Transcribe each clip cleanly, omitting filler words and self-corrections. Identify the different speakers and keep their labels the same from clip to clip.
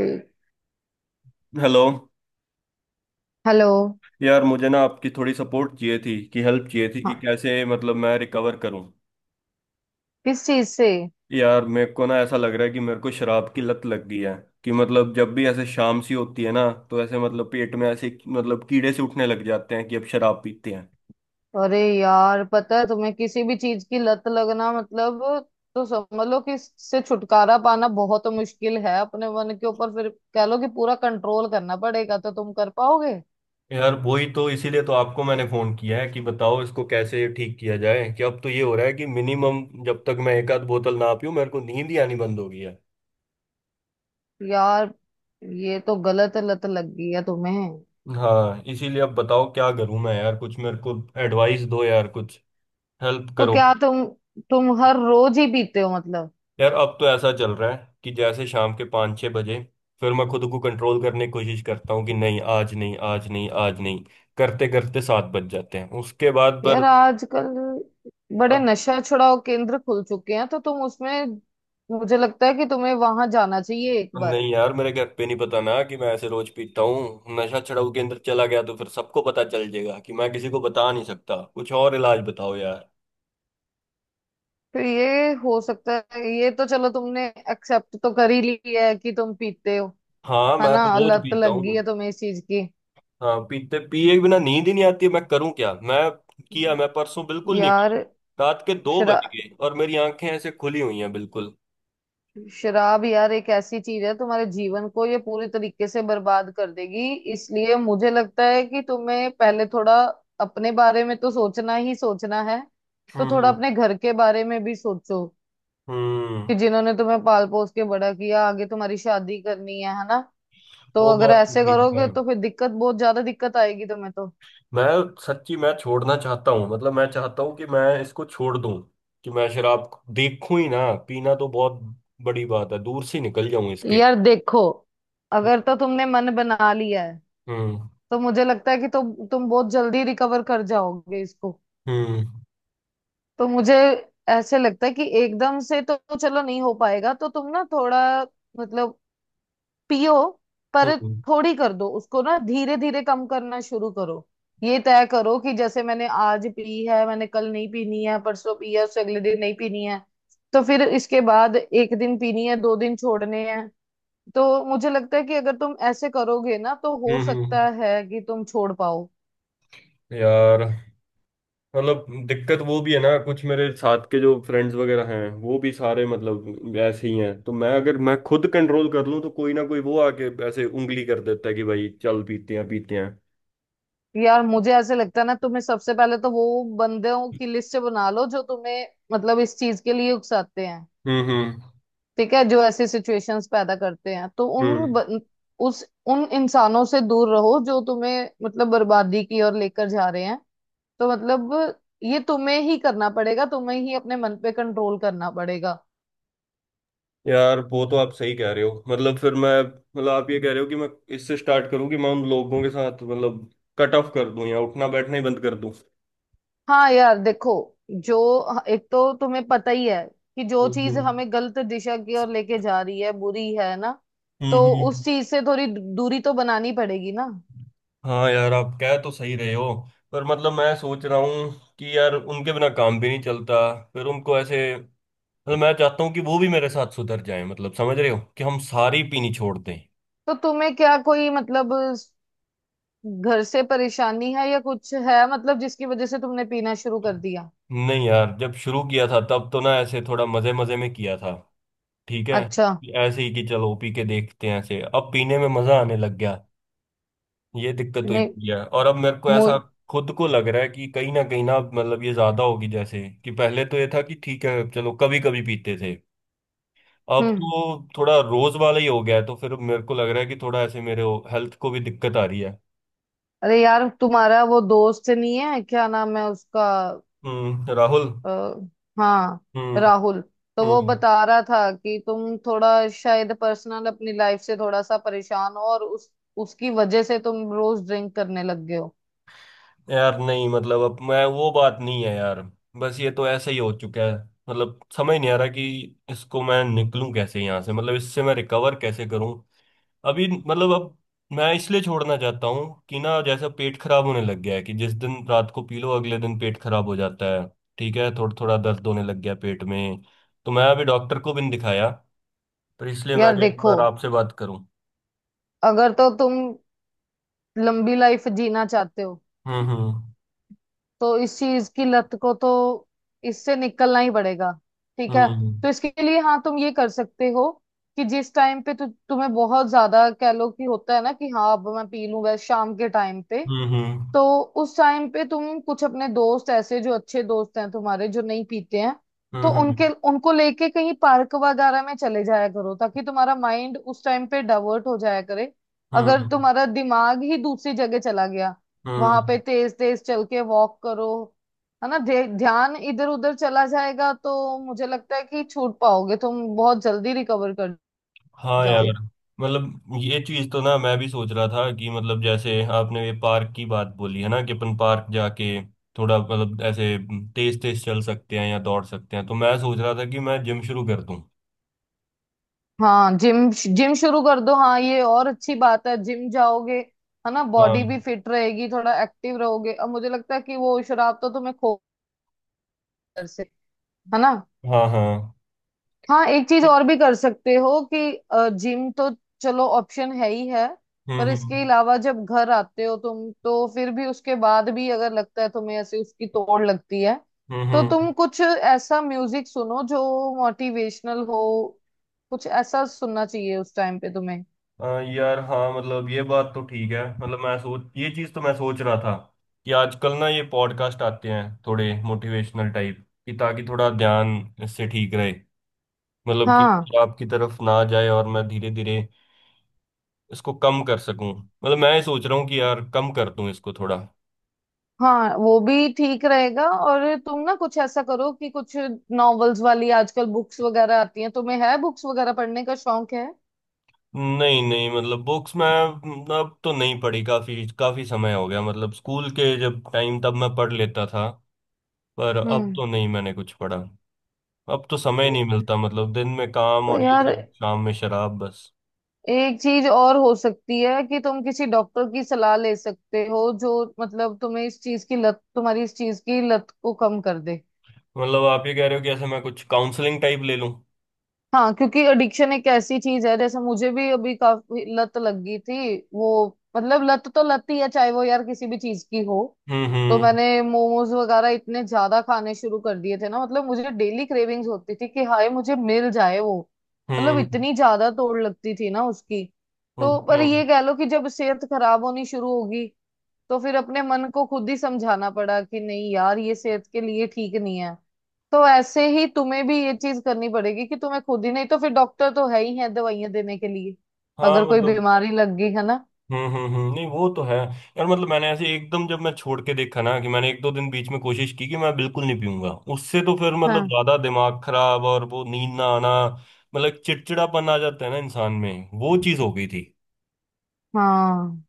Speaker 1: से।
Speaker 2: Hello.
Speaker 1: Hello.
Speaker 2: यार मुझे ना आपकी थोड़ी सपोर्ट चाहिए थी कि हेल्प चाहिए थी कि
Speaker 1: हाँ।
Speaker 2: कैसे मतलब मैं रिकवर करूं।
Speaker 1: किस चीज से?
Speaker 2: यार मेरे को ना ऐसा लग रहा है कि मेरे को शराब की लत लग गई है। कि मतलब जब भी ऐसे शाम सी होती है ना तो ऐसे मतलब पेट में ऐसे मतलब कीड़े से उठने लग जाते हैं कि अब शराब पीते हैं।
Speaker 1: अरे यार, पता है तुम्हें किसी भी चीज की लत लगना मतलब, तो समझ लो कि इससे छुटकारा पाना बहुत मुश्किल है। अपने मन के ऊपर फिर कह लो कि पूरा कंट्रोल करना पड़ेगा तो तुम कर पाओगे।
Speaker 2: यार वही तो इसीलिए तो आपको मैंने फोन किया है कि बताओ इसको कैसे ठीक किया जाए कि अब तो ये हो रहा है कि मिनिमम जब तक मैं एक आध बोतल ना पीऊं मेरे को नींद ही आनी बंद हो गई है।
Speaker 1: यार, ये तो गलत लत लग गई है तुम्हें।
Speaker 2: हाँ इसीलिए अब बताओ क्या करूं मैं। यार कुछ मेरे को एडवाइस दो यार। कुछ हेल्प
Speaker 1: तो
Speaker 2: करो।
Speaker 1: क्या तुम हर रोज ही पीते हो मतलब?
Speaker 2: यार अब तो ऐसा चल रहा है कि जैसे शाम के 5-6 बजे फिर मैं खुद को कंट्रोल करने की कोशिश करता हूँ कि नहीं आज नहीं आज नहीं आज नहीं करते करते 7 बज जाते हैं उसके बाद पर।
Speaker 1: यार आजकल बड़े
Speaker 2: अब।
Speaker 1: नशा छुड़ाओ केंद्र खुल चुके हैं तो तुम उसमें, मुझे लगता है कि तुम्हें वहां जाना चाहिए एक बार।
Speaker 2: नहीं यार मेरे घर पे नहीं पता ना कि मैं ऐसे रोज पीता हूँ। नशा छुड़ाऊ के अंदर चला गया तो फिर सबको पता चल जाएगा कि मैं किसी को बता नहीं सकता। कुछ और इलाज बताओ यार।
Speaker 1: तो ये हो सकता है, ये तो चलो तुमने एक्सेप्ट तो कर ही ली है कि तुम पीते हो।
Speaker 2: हाँ
Speaker 1: है
Speaker 2: मैं
Speaker 1: ना,
Speaker 2: तो रोज
Speaker 1: लत
Speaker 2: पीता
Speaker 1: लग गई
Speaker 2: हूँ।
Speaker 1: है तुम्हें इस चीज की।
Speaker 2: हाँ पीते पिए बिना नींद ही नहीं आती है। मैं करूं क्या मैं किया।
Speaker 1: हम्म।
Speaker 2: मैं परसों बिल्कुल नहीं
Speaker 1: यार,
Speaker 2: पी। रात के दो बज
Speaker 1: शराब,
Speaker 2: गए और मेरी आंखें ऐसे खुली हुई हैं बिल्कुल।
Speaker 1: शराब यार एक ऐसी चीज है, तुम्हारे जीवन को ये पूरी तरीके से बर्बाद कर देगी। इसलिए मुझे लगता है कि तुम्हें पहले थोड़ा अपने बारे में तो सोचना ही सोचना है। तो थोड़ा
Speaker 2: हम्म।
Speaker 1: अपने घर के बारे में भी सोचो
Speaker 2: हम्म।
Speaker 1: कि जिन्होंने तुम्हें पाल पोस के बड़ा किया, आगे तुम्हारी शादी करनी है ना। तो
Speaker 2: वो
Speaker 1: अगर
Speaker 2: बात तो
Speaker 1: ऐसे
Speaker 2: ठीक
Speaker 1: करोगे
Speaker 2: है।
Speaker 1: तो फिर दिक्कत, बहुत ज्यादा दिक्कत आएगी तुम्हें। तो
Speaker 2: मैं सच्ची मैं छोड़ना चाहता हूँ मतलब मैं चाहता हूँ कि मैं इसको छोड़ दूं। कि मैं शराब को देखूं ही ना। पीना तो बहुत बड़ी बात है दूर से निकल जाऊं इसके।
Speaker 1: यार देखो, अगर तो तुमने मन बना लिया है,
Speaker 2: हम्म।
Speaker 1: तो मुझे लगता है कि तुम बहुत जल्दी रिकवर कर जाओगे इसको।
Speaker 2: हम्म।
Speaker 1: तो मुझे ऐसे लगता है कि एकदम से तो चलो नहीं हो पाएगा। तो तुम ना थोड़ा मतलब पियो, पर
Speaker 2: हम्म।
Speaker 1: थोड़ी कर दो उसको ना, धीरे धीरे कम करना शुरू करो। ये तय करो कि जैसे मैंने आज पी है, मैंने कल नहीं पीनी है, परसों पी है उससे अगले दिन नहीं पीनी है। तो फिर इसके बाद एक दिन पीनी है, दो दिन छोड़ने हैं। तो मुझे लगता है कि अगर तुम ऐसे करोगे ना, तो हो
Speaker 2: हम्म। हम्म।
Speaker 1: सकता है कि तुम छोड़ पाओ।
Speaker 2: यार मतलब दिक्कत वो भी है ना कुछ मेरे साथ के जो फ्रेंड्स वगैरह हैं वो भी सारे मतलब ऐसे ही हैं तो मैं अगर मैं खुद कंट्रोल कर लूं तो कोई ना कोई वो आके ऐसे उंगली कर देता है कि भाई चल पीते हैं पीते हैं।
Speaker 1: यार मुझे ऐसे लगता है ना, तुम्हें सबसे पहले तो वो बंदों की लिस्ट बना लो जो तुम्हें मतलब इस चीज के लिए उकसाते हैं।
Speaker 2: हम्म। हम्म।
Speaker 1: ठीक है, जो ऐसी सिचुएशंस पैदा करते हैं, तो
Speaker 2: हम्म।
Speaker 1: उस, उन इंसानों से दूर रहो जो तुम्हें मतलब बर्बादी की ओर लेकर जा रहे हैं। तो मतलब ये तुम्हें ही करना पड़ेगा, तुम्हें ही अपने मन पे कंट्रोल करना पड़ेगा।
Speaker 2: यार वो तो आप सही कह रहे हो मतलब फिर मैं मतलब आप ये कह रहे हो कि मैं इससे स्टार्ट करूं कि मैं उन लोगों के साथ मतलब कट ऑफ कर दूं या उठना बैठना ही बंद कर दूं।
Speaker 1: हाँ यार देखो, जो एक तो तुम्हें पता ही है कि जो
Speaker 2: हम्म।
Speaker 1: चीज
Speaker 2: हम्म।
Speaker 1: हमें गलत दिशा की ओर लेके जा रही है बुरी है ना। तो
Speaker 2: हम्म। हम्म।
Speaker 1: उस चीज से थोड़ी दूरी तो बनानी पड़ेगी ना।
Speaker 2: हाँ यार आप कह तो सही रहे हो पर मतलब मैं सोच रहा हूँ कि यार उनके बिना काम भी नहीं चलता। फिर उनको ऐसे मतलब मैं चाहता हूँ कि वो भी मेरे साथ सुधर जाए मतलब समझ रहे हो कि हम सारी पीनी छोड़ दें।
Speaker 1: तो तुम्हें क्या कोई मतलब घर से परेशानी है या कुछ है मतलब, जिसकी वजह से तुमने पीना शुरू कर दिया?
Speaker 2: नहीं यार जब शुरू किया था तब तो ना ऐसे थोड़ा मजे मजे में किया था। ठीक है
Speaker 1: अच्छा।
Speaker 2: कि ऐसे ही कि चलो पी के देखते हैं ऐसे अब पीने में मजा आने लग गया। ये दिक्कत हुई
Speaker 1: नहीं।
Speaker 2: पड़ी है और अब मेरे को
Speaker 1: मु
Speaker 2: ऐसा खुद को लग रहा है कि कहीं ना मतलब ये ज्यादा होगी जैसे कि पहले तो ये था कि ठीक है चलो कभी कभी पीते थे। अब
Speaker 1: हम्म।
Speaker 2: तो थोड़ा रोज वाला ही हो गया है तो फिर मेरे को लग रहा है कि थोड़ा ऐसे मेरे हेल्थ को भी दिक्कत आ रही है।
Speaker 1: अरे यार तुम्हारा वो दोस्त नहीं है, क्या नाम है उसका?
Speaker 2: हम्म। राहुल।
Speaker 1: आ, हाँ,
Speaker 2: हम्म।
Speaker 1: राहुल। तो वो
Speaker 2: हम्म।
Speaker 1: बता रहा था कि तुम थोड़ा शायद पर्सनल अपनी लाइफ से थोड़ा सा परेशान हो, और उस उसकी वजह से तुम रोज ड्रिंक करने लग गए हो।
Speaker 2: यार नहीं मतलब अब मैं वो बात नहीं है यार। बस ये तो ऐसे ही हो चुका है मतलब समझ नहीं आ रहा कि इसको मैं निकलूं कैसे यहाँ से मतलब इससे मैं रिकवर कैसे करूं। अभी मतलब अब मैं इसलिए छोड़ना चाहता हूँ कि ना जैसा पेट खराब होने लग गया है कि जिस दिन रात को पी लो अगले दिन पेट खराब हो जाता है। ठीक है थोड़ा थोड़ा दर्द होने लग गया पेट में। तो मैं अभी डॉक्टर को भी नहीं दिखाया तो इसलिए मैं
Speaker 1: यार
Speaker 2: एक
Speaker 1: देखो,
Speaker 2: बार आपसे बात करूं।
Speaker 1: अगर तो तुम लंबी लाइफ जीना चाहते हो,
Speaker 2: हम्म। हम्म।
Speaker 1: तो इस चीज की लत को तो, इससे निकलना ही पड़ेगा। ठीक है।
Speaker 2: हम्म।
Speaker 1: तो इसके लिए हाँ तुम ये कर सकते हो कि जिस टाइम पे तुम्हें बहुत ज्यादा, कह लो कि होता है ना कि हाँ अब मैं पी लूं, बस शाम के टाइम पे,
Speaker 2: हम्म। हम्म।
Speaker 1: तो उस टाइम पे तुम कुछ अपने दोस्त ऐसे, जो अच्छे दोस्त हैं तुम्हारे, जो नहीं पीते हैं, तो
Speaker 2: हम्म।
Speaker 1: उनके उनको लेके कहीं पार्क वगैरह में चले जाया करो, ताकि तुम्हारा माइंड उस टाइम पे डाइवर्ट हो जाया करे।
Speaker 2: हम्म।
Speaker 1: अगर
Speaker 2: हम्म।
Speaker 1: तुम्हारा दिमाग ही दूसरी जगह चला गया, वहां पे
Speaker 2: हम्म।
Speaker 1: तेज तेज चल के वॉक करो, है ना, ध्यान इधर उधर चला जाएगा, तो मुझे लगता है कि छूट पाओगे तुम, बहुत जल्दी रिकवर कर
Speaker 2: हाँ
Speaker 1: जाओ।
Speaker 2: यार मतलब ये चीज तो ना मैं भी सोच रहा था कि मतलब जैसे आपने ये पार्क की बात बोली है ना कि अपन पार्क जाके थोड़ा मतलब ऐसे तेज तेज चल सकते हैं या दौड़ सकते हैं तो मैं सोच रहा था कि मैं जिम शुरू कर दूं।
Speaker 1: हाँ जिम, जिम शुरू कर दो, हाँ ये और अच्छी बात है, जिम जाओगे, है ना, बॉडी भी
Speaker 2: हाँ।
Speaker 1: फिट रहेगी, थोड़ा एक्टिव रहोगे। अब मुझे लगता है कि वो शराब तो तुम्हें खो घर से, है ना।
Speaker 2: हाँ। हाँ।
Speaker 1: हाँ, एक चीज और भी कर सकते हो कि जिम तो चलो ऑप्शन है ही है,
Speaker 2: हम्म।
Speaker 1: पर इसके
Speaker 2: हम्म।
Speaker 1: अलावा जब घर आते हो तुम, तो फिर भी उसके बाद भी अगर लगता है तुम्हें ऐसे उसकी तोड़ लगती है,
Speaker 2: हम्म।
Speaker 1: तो
Speaker 2: हम्म।
Speaker 1: तुम कुछ ऐसा म्यूजिक सुनो जो मोटिवेशनल हो। कुछ ऐसा सुनना चाहिए उस टाइम पे तुम्हें।
Speaker 2: हाँ, यार हाँ मतलब ये बात तो ठीक है मतलब मैं सोच ये चीज तो मैं सोच रहा था कि आजकल ना ये पॉडकास्ट आते हैं थोड़े मोटिवेशनल टाइप कि ताकि थोड़ा ध्यान इससे ठीक रहे मतलब कि
Speaker 1: हाँ।
Speaker 2: आपकी तरफ ना जाए और मैं धीरे धीरे इसको कम कर सकूं मतलब मैं ये सोच रहा हूँ कि यार कम कर दूं इसको थोड़ा।
Speaker 1: हाँ वो भी ठीक रहेगा, और तुम ना कुछ ऐसा करो कि कुछ नॉवेल्स वाली आजकल बुक्स वगैरह आती हैं, तुम्हें है बुक्स वगैरह पढ़ने का शौक है?
Speaker 2: नहीं नहीं मतलब बुक्स मैं अब तो नहीं पढ़ी काफी काफी समय हो गया मतलब स्कूल के जब टाइम तब मैं पढ़ लेता था। पर अब
Speaker 1: हम्म।
Speaker 2: तो नहीं मैंने कुछ पढ़ा। अब तो समय नहीं मिलता मतलब दिन में काम
Speaker 1: तो
Speaker 2: और ये
Speaker 1: यार
Speaker 2: सब शाम में शराब बस।
Speaker 1: एक चीज और हो सकती है कि तुम किसी डॉक्टर की सलाह ले सकते हो जो मतलब तुम्हें इस चीज की लत, तुम्हारी इस चीज की लत को कम कर दे।
Speaker 2: मतलब आप ये कह रहे हो कि ऐसे मैं कुछ काउंसलिंग टाइप ले लूं?
Speaker 1: हाँ क्योंकि एडिक्शन एक ऐसी चीज है, जैसे मुझे भी अभी काफी लत लग गई थी वो, मतलब लत तो लत ही है, चाहे वो यार किसी भी चीज की हो।
Speaker 2: हम्म।
Speaker 1: तो
Speaker 2: हम्म।
Speaker 1: मैंने मोमोज वगैरह इतने ज्यादा खाने शुरू कर दिए थे ना, मतलब मुझे डेली क्रेविंग्स होती थी कि हाय मुझे मिल जाए वो, मतलब
Speaker 2: हम्म।
Speaker 1: इतनी ज्यादा तोड़ लगती थी ना उसकी। तो पर
Speaker 2: हम्म।
Speaker 1: ये कह लो कि जब सेहत खराब होनी शुरू होगी, तो फिर अपने मन को खुद ही समझाना पड़ा कि नहीं यार ये सेहत के लिए ठीक नहीं है। तो ऐसे ही तुम्हें भी ये चीज करनी पड़ेगी कि तुम्हें खुद ही, नहीं तो फिर डॉक्टर तो है ही है दवाइयां देने के लिए,
Speaker 2: हाँ
Speaker 1: अगर कोई
Speaker 2: मतलब।
Speaker 1: बीमारी लग गई है ना।
Speaker 2: हम्म। हम्म। नहीं वो तो है यार मतलब मैंने ऐसे एकदम जब मैं छोड़ के देखा ना कि मैंने एक दो दिन बीच में कोशिश की कि मैं बिल्कुल नहीं पीऊंगा उससे तो फिर मतलब
Speaker 1: हाँ।
Speaker 2: ज्यादा दिमाग खराब और वो नींद ना आना। मतलब चिड़चिड़ापन आ जाता है ना इंसान में वो चीज हो गई थी।
Speaker 1: हाँ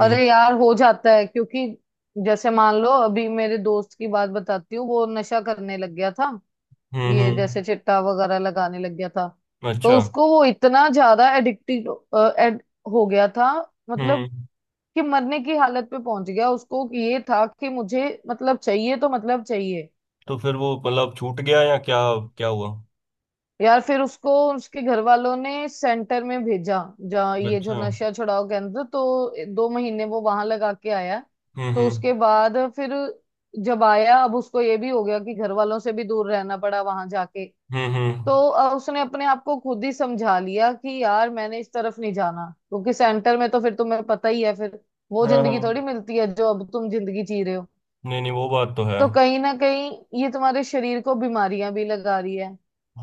Speaker 2: हम्म।
Speaker 1: अरे यार हो जाता है क्योंकि, जैसे मान लो अभी मेरे दोस्त की बात बताती हूँ, वो नशा करने लग गया था,
Speaker 2: हम्म।
Speaker 1: ये
Speaker 2: हम्म।
Speaker 1: जैसे चिट्टा वगैरह लगाने लग गया था। तो
Speaker 2: अच्छा।
Speaker 1: उसको वो इतना ज्यादा एडिक्टेड हो गया था, मतलब
Speaker 2: हम्म।
Speaker 1: कि मरने की हालत पे पहुंच गया, उसको ये था कि मुझे मतलब चाहिए तो मतलब चाहिए।
Speaker 2: तो फिर वो मतलब छूट गया या क्या? क्या हुआ?
Speaker 1: यार फिर उसको उसके घर वालों ने सेंटर में भेजा, जहाँ ये
Speaker 2: अच्छा।
Speaker 1: जो
Speaker 2: हम्म।
Speaker 1: नशा छुड़ाओ केंद्र, तो दो महीने वो वहां लगा के आया। तो
Speaker 2: हम्म।
Speaker 1: उसके बाद फिर जब आया, अब उसको ये भी हो गया कि घर वालों से भी दूर रहना पड़ा वहां जाके।
Speaker 2: हम्म। हम्म।
Speaker 1: तो उसने अपने आप को खुद ही समझा लिया कि यार मैंने इस तरफ नहीं जाना, क्योंकि सेंटर में तो फिर तुम्हें पता ही है, फिर वो
Speaker 2: हाँ।
Speaker 1: जिंदगी
Speaker 2: हाँ।
Speaker 1: थोड़ी मिलती है जो अब तुम जिंदगी जी रहे हो।
Speaker 2: नहीं नहीं वो बात तो है।
Speaker 1: तो कहीं ना कहीं ये तुम्हारे शरीर को बीमारियां भी लगा रही है,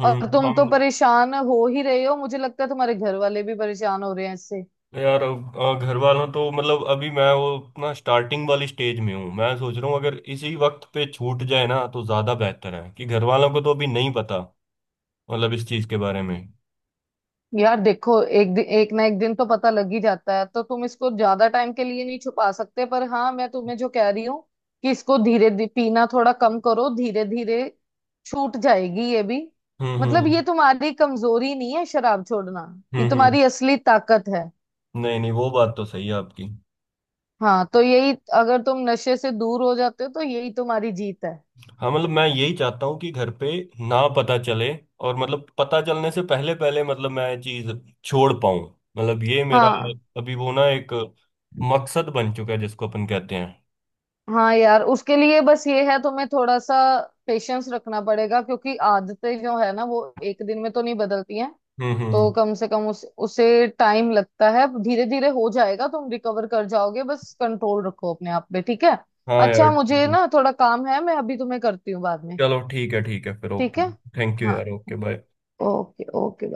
Speaker 2: हम्म।
Speaker 1: और तुम तो
Speaker 2: हाँ।
Speaker 1: परेशान हो ही रहे हो, मुझे लगता है तुम्हारे घर वाले भी परेशान हो रहे हैं इससे।
Speaker 2: यार अब, घर वालों तो मतलब अभी मैं वो अपना स्टार्टिंग वाली स्टेज में हूँ। मैं सोच रहा हूँ अगर इसी वक्त पे छूट जाए ना तो ज्यादा बेहतर है कि घर वालों को तो अभी नहीं पता मतलब इस चीज के बारे में।
Speaker 1: यार देखो, एक दिन, एक ना एक दिन तो पता लग ही जाता है, तो तुम इसको ज्यादा टाइम के लिए नहीं छुपा सकते। पर हाँ मैं तुम्हें जो कह रही हूँ कि इसको धीरे धीरे पीना थोड़ा कम करो, धीरे धीरे छूट जाएगी ये भी।
Speaker 2: हम्म।
Speaker 1: मतलब
Speaker 2: हम्म।
Speaker 1: ये तुम्हारी कमजोरी नहीं है शराब छोड़ना, ये
Speaker 2: हम्म। हम्म।
Speaker 1: तुम्हारी असली ताकत है।
Speaker 2: नहीं नहीं वो बात तो सही है आपकी।
Speaker 1: हाँ तो यही, अगर तुम नशे से दूर हो जाते हो तो यही तुम्हारी जीत है।
Speaker 2: हाँ मतलब मैं यही चाहता हूँ कि घर पे ना पता चले और मतलब पता चलने से पहले पहले मतलब मैं चीज छोड़ पाऊँ। मतलब ये मेरा
Speaker 1: हाँ।
Speaker 2: अभी वो ना एक मकसद बन चुका है जिसको अपन कहते हैं।
Speaker 1: हाँ यार उसके लिए बस ये है, तुम्हें थोड़ा सा पेशेंस रखना पड़ेगा, क्योंकि आदतें जो है ना, वो एक दिन में तो नहीं बदलती हैं।
Speaker 2: हम्म।
Speaker 1: तो
Speaker 2: हम्म।
Speaker 1: कम से कम उस उसे टाइम लगता है, धीरे धीरे हो जाएगा, तुम रिकवर कर जाओगे, बस कंट्रोल रखो अपने आप पे, ठीक है।
Speaker 2: हाँ
Speaker 1: अच्छा
Speaker 2: यार
Speaker 1: मुझे ना थोड़ा काम है, मैं अभी तुम्हें करती हूँ बाद में।
Speaker 2: चलो ठीक है फिर
Speaker 1: ठीक
Speaker 2: ओके।
Speaker 1: है।
Speaker 2: थैंक यू
Speaker 1: हाँ,
Speaker 2: यार। Okay bye.
Speaker 1: Okay okay.